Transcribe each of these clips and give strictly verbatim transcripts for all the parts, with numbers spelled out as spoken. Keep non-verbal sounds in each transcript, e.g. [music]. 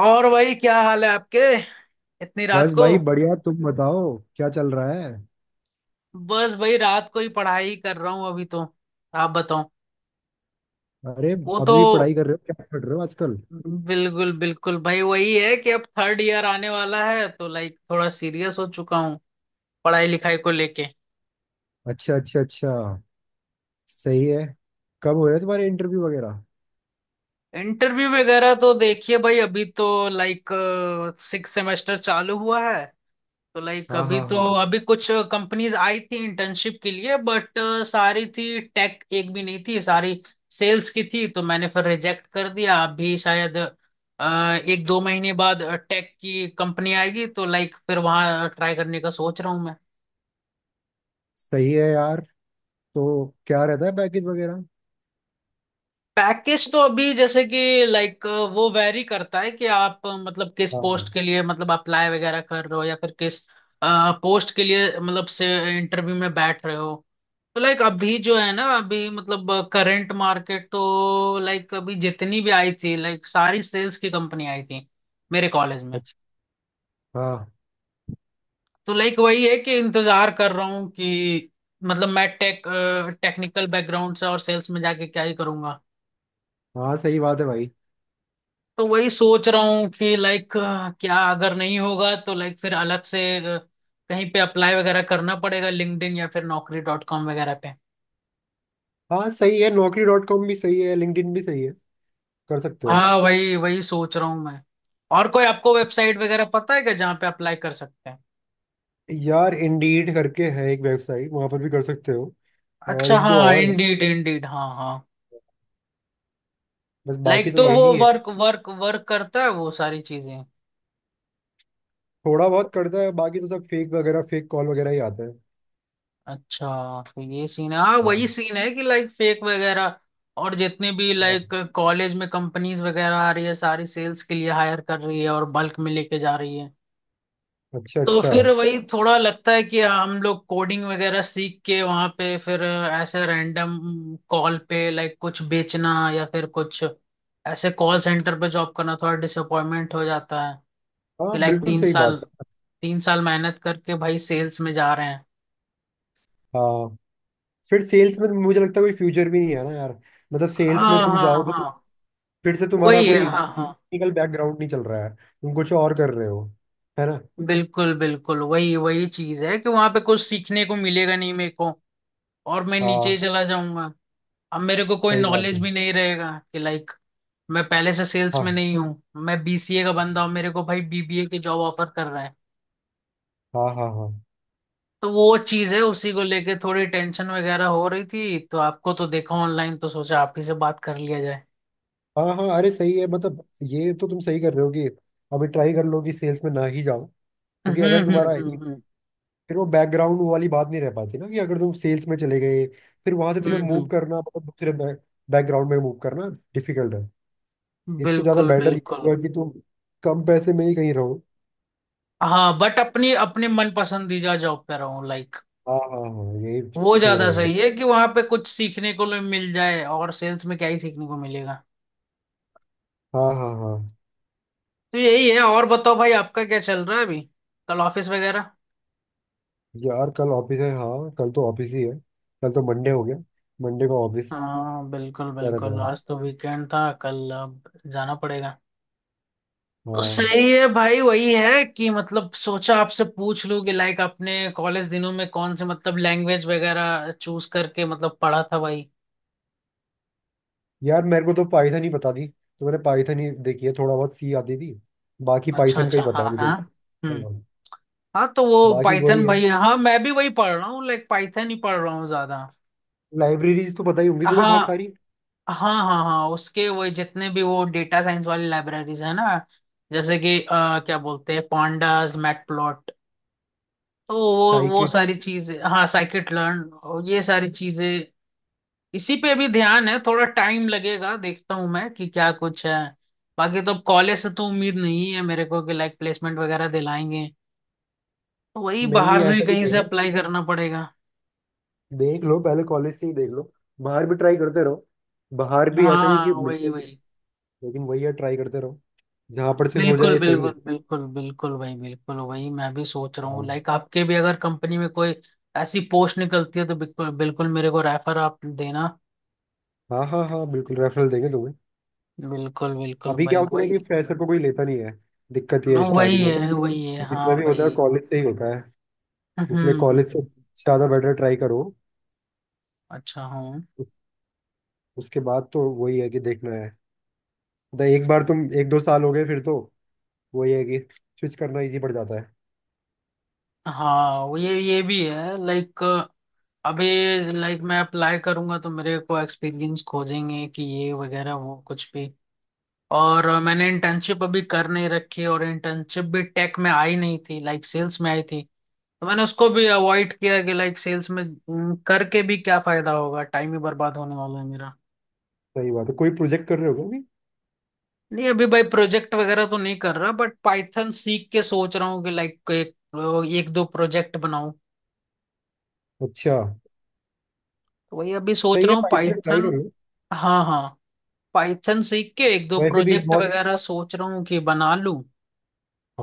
और भाई, क्या हाल है आपके इतनी रात बस को। भाई बढ़िया, तुम बताओ क्या चल रहा है। बस भाई, रात को ही पढ़ाई कर रहा हूँ अभी तो। आप बताओ। अरे, वो अभी तो। भी पढ़ाई कर रहे हो? क्या पढ़ रहे हो आजकल? बिल्कुल बिल्कुल भाई, वही है कि अब थर्ड ईयर आने वाला है तो लाइक थोड़ा सीरियस हो चुका हूँ पढ़ाई लिखाई को लेके। अच्छा अच्छा अच्छा, सही है। कब हो रहे तुम्हारे इंटरव्यू वगैरह? इंटरव्यू वगैरह तो देखिए भाई, अभी तो लाइक सिक्स सेमेस्टर चालू हुआ है। तो लाइक हाँ अभी हाँ तो हाँ। अभी कुछ कंपनीज आई थी इंटर्नशिप के लिए, बट सारी थी। टेक एक भी नहीं थी, सारी सेल्स की थी। तो मैंने फिर रिजेक्ट कर दिया। अभी शायद अ, एक दो महीने बाद टेक की कंपनी आएगी तो लाइक फिर वहां ट्राई करने का सोच रहा हूँ मैं। सही है यार। तो क्या रहता है पैकेज वगैरह? पैकेज तो अभी जैसे कि लाइक वो वैरी करता है कि आप अ, मतलब किस हाँ हाँ। पोस्ट के लिए मतलब अप्लाई वगैरह कर रहे हो या फिर किस पोस्ट के लिए मतलब से इंटरव्यू में बैठ रहे हो। तो लाइक अभी जो है ना, अभी मतलब करंट मार्केट तो लाइक अभी जितनी भी आई थी, लाइक सारी सेल्स की कंपनी आई थी मेरे कॉलेज में। अच्छा। हाँ तो लाइक वही है कि इंतजार कर रहा हूँ कि मतलब मैं टेक टेक्निकल बैकग्राउंड से, और सेल्स में जाके क्या ही करूंगा। हाँ, सही बात है भाई। तो वही सोच रहा हूँ कि लाइक क्या अगर नहीं होगा तो लाइक फिर अलग से अ, कहीं पे अप्लाई वगैरह करना पड़ेगा, लिंक्डइन या फिर नौकरी डॉट कॉम वगैरह पे। हाँ सही है, नौकरी डॉट कॉम भी सही है, लिंक्डइन भी सही है। कर सकते हो। हाँ, वही वही सोच रहा हूँ मैं। और कोई आपको वेबसाइट वगैरह पता है क्या जहाँ पे अप्लाई कर सकते हैं? यार इंडीड करके है एक वेबसाइट, वहां पर भी कर सकते हो। और अच्छा, एक दो हाँ, और है। इंडीड इंडीड, हाँ हाँ। बस बाकी लाइक तो तो वो यही है। वर्क वर्क वर्क करता है, वो सारी चीजें। थोड़ा बहुत करता है, बाकी तो सब फेक वगैरह फेक कॉल वगैरह ही आता है। अच्छा। तो ये सीन है। हाँ, वही हाँ सीन है कि लाइक फेक वगैरह। और जितने भी हाँ। लाइक कॉलेज में कंपनीज वगैरह आ रही है सारी सेल्स के लिए हायर कर रही है और बल्क में लेके जा रही है। अच्छा तो अच्छा। फिर वही थोड़ा लगता है कि हम लोग कोडिंग वगैरह सीख के वहां पे फिर ऐसे रैंडम कॉल पे लाइक कुछ बेचना या फिर कुछ ऐसे कॉल सेंटर पे जॉब करना थोड़ा डिसअपॉइंटमेंट हो जाता है, कि हाँ लाइक बिल्कुल तीन सही साल बात है। तीन साल मेहनत करके भाई सेल्स में जा रहे हैं। हाँ, फिर सेल्स में मुझे लगता है कोई फ्यूचर भी नहीं है ना यार। मतलब सेल्स में हाँ तुम हाँ जाओ तो हाँ, फिर से तुम्हारा वही है। कोई हाँ हाँ, टेक्निकल बैकग्राउंड नहीं चल रहा है, तुम कुछ और कर रहे हो। है ना। बिल्कुल बिल्कुल वही वही चीज है कि वहां पे कुछ सीखने को मिलेगा नहीं मेरे को, और मैं नीचे ही हाँ चला जाऊंगा। अब मेरे को कोई सही बात नॉलेज है। भी नहीं रहेगा, कि लाइक मैं पहले से सेल्स में हाँ नहीं हूँ। मैं बीसीए का बंदा हूँ, मेरे को भाई बीबीए की जॉब ऑफर कर रहा है। हाँ हाँ हाँ तो वो चीज़ है, उसी को लेके थोड़ी टेंशन वगैरह हो रही थी, तो आपको तो देखा ऑनलाइन, तो सोचा आप ही से बात कर लिया जाए। हाँ हाँ। अरे सही है, मतलब ये तो तुम सही कर रहे हो कि अभी ट्राई कर लो कि सेल्स में ना ही जाओ। क्योंकि हम्म अगर हम्म, तुम्हारा हम्म फिर वो बैकग्राउंड वाली बात नहीं रह पाती ना, कि अगर तुम सेल्स में चले गए फिर वहां से तुम्हें हम्म, मूव हम्म, करना, मतलब दूसरे बैकग्राउंड में मूव करना डिफिकल्ट है। इससे ज्यादा बिल्कुल बेटर ये बिल्कुल। होगा कि तुम कम पैसे में ही कहीं रहो। हाँ, बट अपनी अपनी मन पसंदीदा जॉब पे रहूं लाइक, हाँ हाँ हाँ, यही वो सही ज्यादा सही रहेगा। है कि वहां पे कुछ सीखने को भी मिल जाए। और सेल्स में क्या ही सीखने को मिलेगा? हाँ हाँ हाँ। तो यही है। और बताओ भाई, आपका क्या चल रहा है अभी? कल ऑफिस वगैरह? यार कल ऑफिस है, हाँ कल तो ऑफिस ही है। कल तो मंडे हो गया, मंडे को ऑफिस। हाँ, बिल्कुल क्या रहता बिल्कुल, है। आज तो वीकेंड था, कल अब जाना पड़ेगा। तो हाँ। सही है भाई, वही है कि मतलब सोचा आपसे पूछ लूं कि लाइक आपने कॉलेज दिनों में कौन से मतलब लैंग्वेज वगैरह चूज करके मतलब पढ़ा था भाई? यार मेरे को तो पाइथन ही पता थी, तो मैंने पाइथन ही देखी है, थोड़ा बहुत सी आती थी। बाकी अच्छा पाइथन का अच्छा, ही पता है हाँ मुझे, हाँ, हम्म। हाँ। हाँ, तो वो बाकी वही पाइथन है। भाई, हाँ मैं भी वही पढ़ रहा हूँ, लाइक पाइथन ही पढ़ रहा हूँ ज्यादा। लाइब्रेरीज तो पता ही होंगी तुम्हें बहुत हाँ सारी। हाँ हाँ, हाँ उसके वो जितने भी वो डेटा साइंस वाली लाइब्रेरीज है ना, जैसे कि अ, क्या बोलते हैं पांडास, मैटप्लॉट, तो वो वो साइकिट। सारी चीजें, हाँ साइकिट लर्न और ये सारी चीजें। इसी पे भी ध्यान है, थोड़ा टाइम लगेगा, देखता हूँ मैं कि क्या कुछ है। बाकी तो अब कॉलेज से तो उम्मीद नहीं है मेरे को कि लाइक प्लेसमेंट वगैरह दिलाएंगे, तो वही नहीं बाहर नहीं, से भी ऐसा नहीं कहीं कह से रहा। अप्लाई करना पड़ेगा। देख लो, पहले कॉलेज से ही देख लो। बाहर भी ट्राई करते रहो, बाहर भी ऐसा नहीं कि हाँ वही मिलते नहीं, वही, लेकिन वही है, ट्राई करते रहो। जहाँ पर से हो बिल्कुल जाए, सही बिल्कुल है। बिल्कुल बिल्कुल भाई, बिल्कुल वही मैं भी सोच रहा हूँ हाँ लाइक। आपके भी अगर कंपनी में कोई ऐसी पोस्ट निकलती है तो बिल्कुल बिल्कुल मेरे को रेफर आप देना। हाँ हाँ, हाँ, बिल्कुल रेफरल देंगे तुम्हें। बिल्कुल बिल्कुल अभी क्या भाई होता है ना वही। कि फ्रेशर को कोई लेता नहीं है, दिक्कत ये है हाँ, वही स्टार्टिंग में है ना। वही है जितना हाँ भी होता है भाई। कॉलेज से ही होता है, हम्म इसलिए हम्म, कॉलेज से हम्म, ज़्यादा बेटर ट्राई करो। अच्छा हूँ। उस- उसके बाद तो वही है कि देखना है। मतलब एक बार तुम एक दो साल हो गए, फिर तो वही है कि स्विच करना इजी पड़ जाता है। हाँ वो ये ये भी है लाइक, अभी, लाइक मैं अप्लाई करूंगा तो मेरे को एक्सपीरियंस खोजेंगे कि ये वगैरह वो कुछ भी। और मैंने इंटर्नशिप अभी कर नहीं रखी, और इंटर्नशिप भी टेक में आई नहीं थी, लाइक सेल्स में आई थी। तो मैंने उसको भी अवॉइड किया कि लाइक सेल्स में हम्म, करके भी क्या फायदा होगा, टाइम ही बर्बाद होने वाला है मेरा। सही बात है। कोई प्रोजेक्ट कर रहे हो क्या अभी? नहीं अभी भाई प्रोजेक्ट वगैरह तो नहीं कर रहा, बट पाइथन सीख के सोच रहा हूँ कि लाइक एक एक दो प्रोजेक्ट बनाऊं। अच्छा। तो वही अभी सोच सही रहा है, हूँ पाइथन ट्राई पाइथन। करो। हाँ हाँ, पाइथन सीख के एक दो वैसे भी प्रोजेक्ट बहुत। वगैरह सोच रहा हूँ कि बना लूं।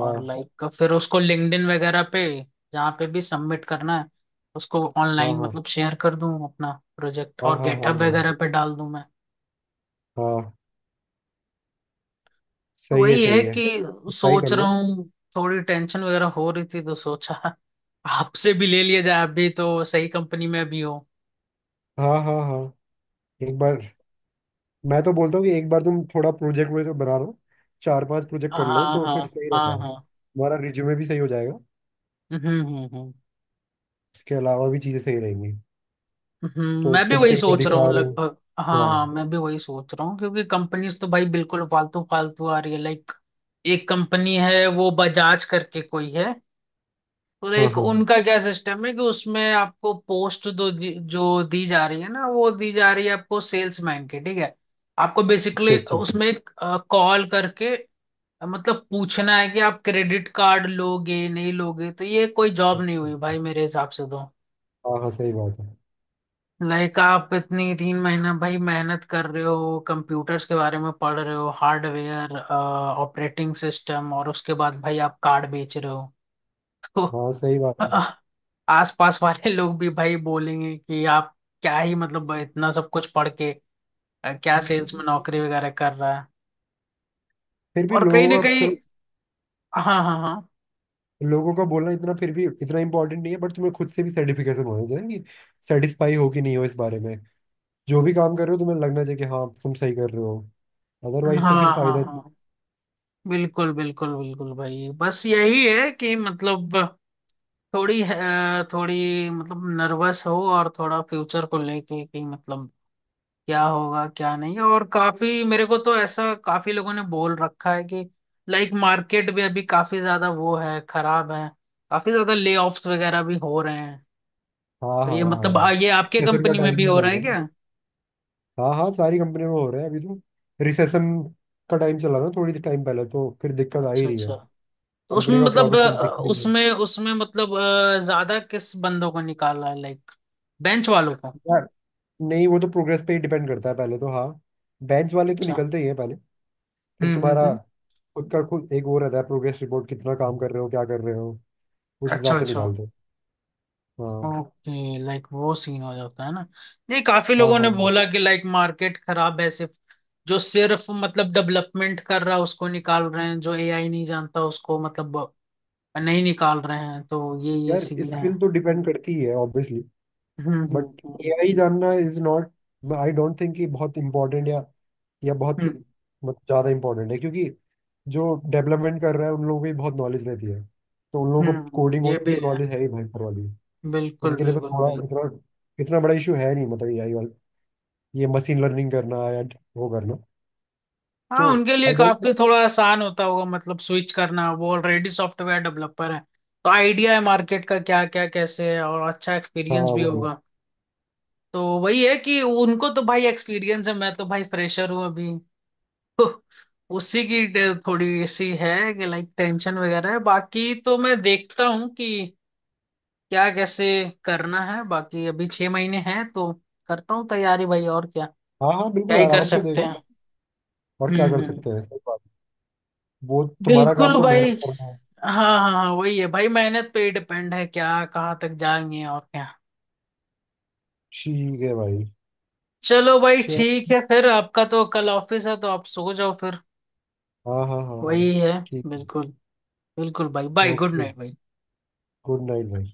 और लाइक फिर उसको लिंक्डइन वगैरह पे, जहाँ पे भी सबमिट करना है उसको हाँ ऑनलाइन हाँ मतलब शेयर कर दूं, अपना प्रोजेक्ट हाँ और हाँ हाँ गेटअप वगैरह पे डाल दूं मैं। हाँ हाँ। तो सही है वही है सही है। कि ट्राई कर सोच रहा लो। हूँ, थोड़ी टेंशन वगैरह हो रही थी तो सोचा आपसे भी ले लिया जाए, आप भी तो सही कंपनी में भी हो। हाँ हाँ हाँ। एक बार मैं तो बोलता हूँ कि एक बार तुम थोड़ा प्रोजेक्ट वोजेक्ट बना लो, चार पांच प्रोजेक्ट हाँ कर लो हाँ, तो फिर सही रहता हाँ है, हाँ, तुम्हारा रिज्यूमे भी सही हो जाएगा। हम्म हम्म हम्म, उसके अलावा भी चीज़ें सही रहेंगी। हम्म, तो मैं भी तुम वही कहीं पे सोच रहा दिखा हूँ रहे हो। लगभग, हाँ हाँ हाँ मैं भी वही सोच रहा हूँ, क्योंकि कंपनीज तो भाई बिल्कुल फालतू फालतू आ रही है लाइक। एक कंपनी है, वो बजाज करके कोई है, तो हाँ लाइक हाँ। उनका क्या सिस्टम है कि उसमें आपको पोस्ट दो दि- जो दी जा रही है ना वो दी जा रही है आपको सेल्समैन की, ठीक है? आपको अच्छा बेसिकली अच्छा अच्छा। उसमें कॉल करके मतलब पूछना है कि आप क्रेडिट कार्ड लोगे नहीं लोगे, तो ये कोई जॉब नहीं हुई अच्छा। भाई मेरे हिसाब से तो। हाँ हाँ सही बात है। लाइक आप इतनी तीन महीना भाई मेहनत कर रहे हो कंप्यूटर्स के बारे में, पढ़ रहे हो हार्डवेयर ऑपरेटिंग सिस्टम, और उसके बाद भाई आप कार्ड बेच रहे हो। [laughs] तो हाँ सही बात है। अ, आसपास वाले लोग भी भाई बोलेंगे कि आप क्या ही मतलब इतना सब कुछ पढ़ के अ, क्या सेल्स हाँ, में नौकरी वगैरह कर रहा है। फिर भी और कहीं ना लोगों का, कहीं, चलो, हाँ हाँ हाँ, लोगों का बोलना इतना फिर भी इतना इंपॉर्टेंट नहीं है, बट तुम्हें खुद से भी सर्टिफिकेशन होना चाहिए कि सेटिस्फाई हो कि नहीं हो इस बारे में। जो भी काम कर रहे हो तुम्हें लगना चाहिए कि हाँ, तुम सही कर रहे हो। अदरवाइज तो फिर हाँ हाँ फायदा हाँ, नहीं। बिल्कुल बिल्कुल बिल्कुल भाई, बस यही है कि मतलब थोड़ी अ, थोड़ी मतलब नर्वस हो, और थोड़ा फ्यूचर को लेके कि मतलब क्या होगा क्या नहीं। और काफी, मेरे को तो ऐसा काफी लोगों ने बोल रखा है कि लाइक मार्केट भी अभी काफी ज्यादा वो है, खराब है। काफी ज्यादा ले ऑफ्स वगैरह भी हो रहे हैं। हाँ तो हाँ ये मतलब हाँ। आ, ये आपके रिसेशन का कंपनी में भी टाइम भी हो चल रहा है रहा है ना। क्या? हाँ हाँ, सारी कंपनी में हो रहा है अभी तो। रिसेशन का टाइम चला था थोड़ी टाइम पहले, तो फिर दिक्कत आ ही अच्छा रही है। अच्छा। तो उसमें कंपनी का मतलब प्रॉफिट अ, कुछ दिख नहीं रहा है। उसमें उसमें मतलब अ, ज्यादा किस बंदों को निकाला है लाइक? बेंच वालों को? यार, नहीं, वो तो प्रोग्रेस पे ही डिपेंड करता है पहले तो। हाँ, बेंच वाले तो अच्छा, निकलते ही हैं पहले। फिर हम्म हम्म तुम्हारा हम्म, खुद का खुद एक वो रहता है प्रोग्रेस रिपोर्ट, कितना काम कर रहे हो, क्या कर रहे हो, उस अच्छा हिसाब से अच्छा। निकालते हैं। हाँ ओके, लाइक वो सीन हो जाता है ना। नहीं, काफी हाँ लोगों हाँ ने हाँ। बोला कि लाइक मार्केट खराब है सिर्फ, जो सिर्फ मतलब डेवलपमेंट कर रहा है उसको निकाल रहे हैं, जो एआई नहीं जानता उसको मतलब नहीं निकाल रहे हैं, तो ये ये यार सीन है। स्किल तो डिपेंड करती ही है obviously, hmm but hmm AI जानना is not, I don't think कि बहुत इंपॉर्टेंट या या बहुत, हम्म, मत ज़्यादा इंपॉर्टेंट है, क्योंकि जो डेवलपमेंट कर रहा है उन लोगों को भी बहुत नॉलेज रहती है। तो उन लोगों हम्म को हम्म, कोडिंग ये भी वोडिंग तो है। नॉलेज है ही भयंकर वाली। बिल्कुल उनके लिए तो बिल्कुल थोड़ा भाई। इतना इतना बड़ा इशू है नहीं, मतलब एआई वाला, ये मशीन लर्निंग करना या वो करना। हाँ तो उनके लिए आई डोंट, काफी थोड़ा आसान होता होगा मतलब स्विच करना, वो ऑलरेडी सॉफ्टवेयर डेवलपर है। तो आइडिया है मार्केट का क्या क्या कैसे है, और अच्छा हाँ एक्सपीरियंस भी वही। होगा। तो वही है कि उनको तो भाई एक्सपीरियंस है, मैं तो भाई फ्रेशर हूँ अभी। [laughs] तो उसी की टे- थोड़ी सी है कि लाइक टेंशन वगैरह है। बाकी तो मैं देखता हूँ कि क्या कैसे करना है। बाकी अभी छह महीने हैं तो करता हूँ तैयारी भाई और क्या? हाँ हाँ, क्या बिल्कुल ही कर आराम से सकते देखो। हैं। और क्या हम्म कर हम्म, सकते हैं, सही बात। वो तुम्हारा काम बिल्कुल तो भाई। मेहनत करना है। हाँ। हाँ हाँ, वही है भाई मेहनत पे ही डिपेंड है क्या कहाँ तक जाएंगे और क्या। ठीक है भाई। चलो भाई चलो, ठीक है फिर, आपका तो कल ऑफिस है तो आप सो जाओ फिर। हाँ हाँ हाँ हाँ, वही है। ठीक है। बिल्कुल, बिल्कुल भाई, बाय, गुड ओके, नाइट भाई। गुड नाइट भाई।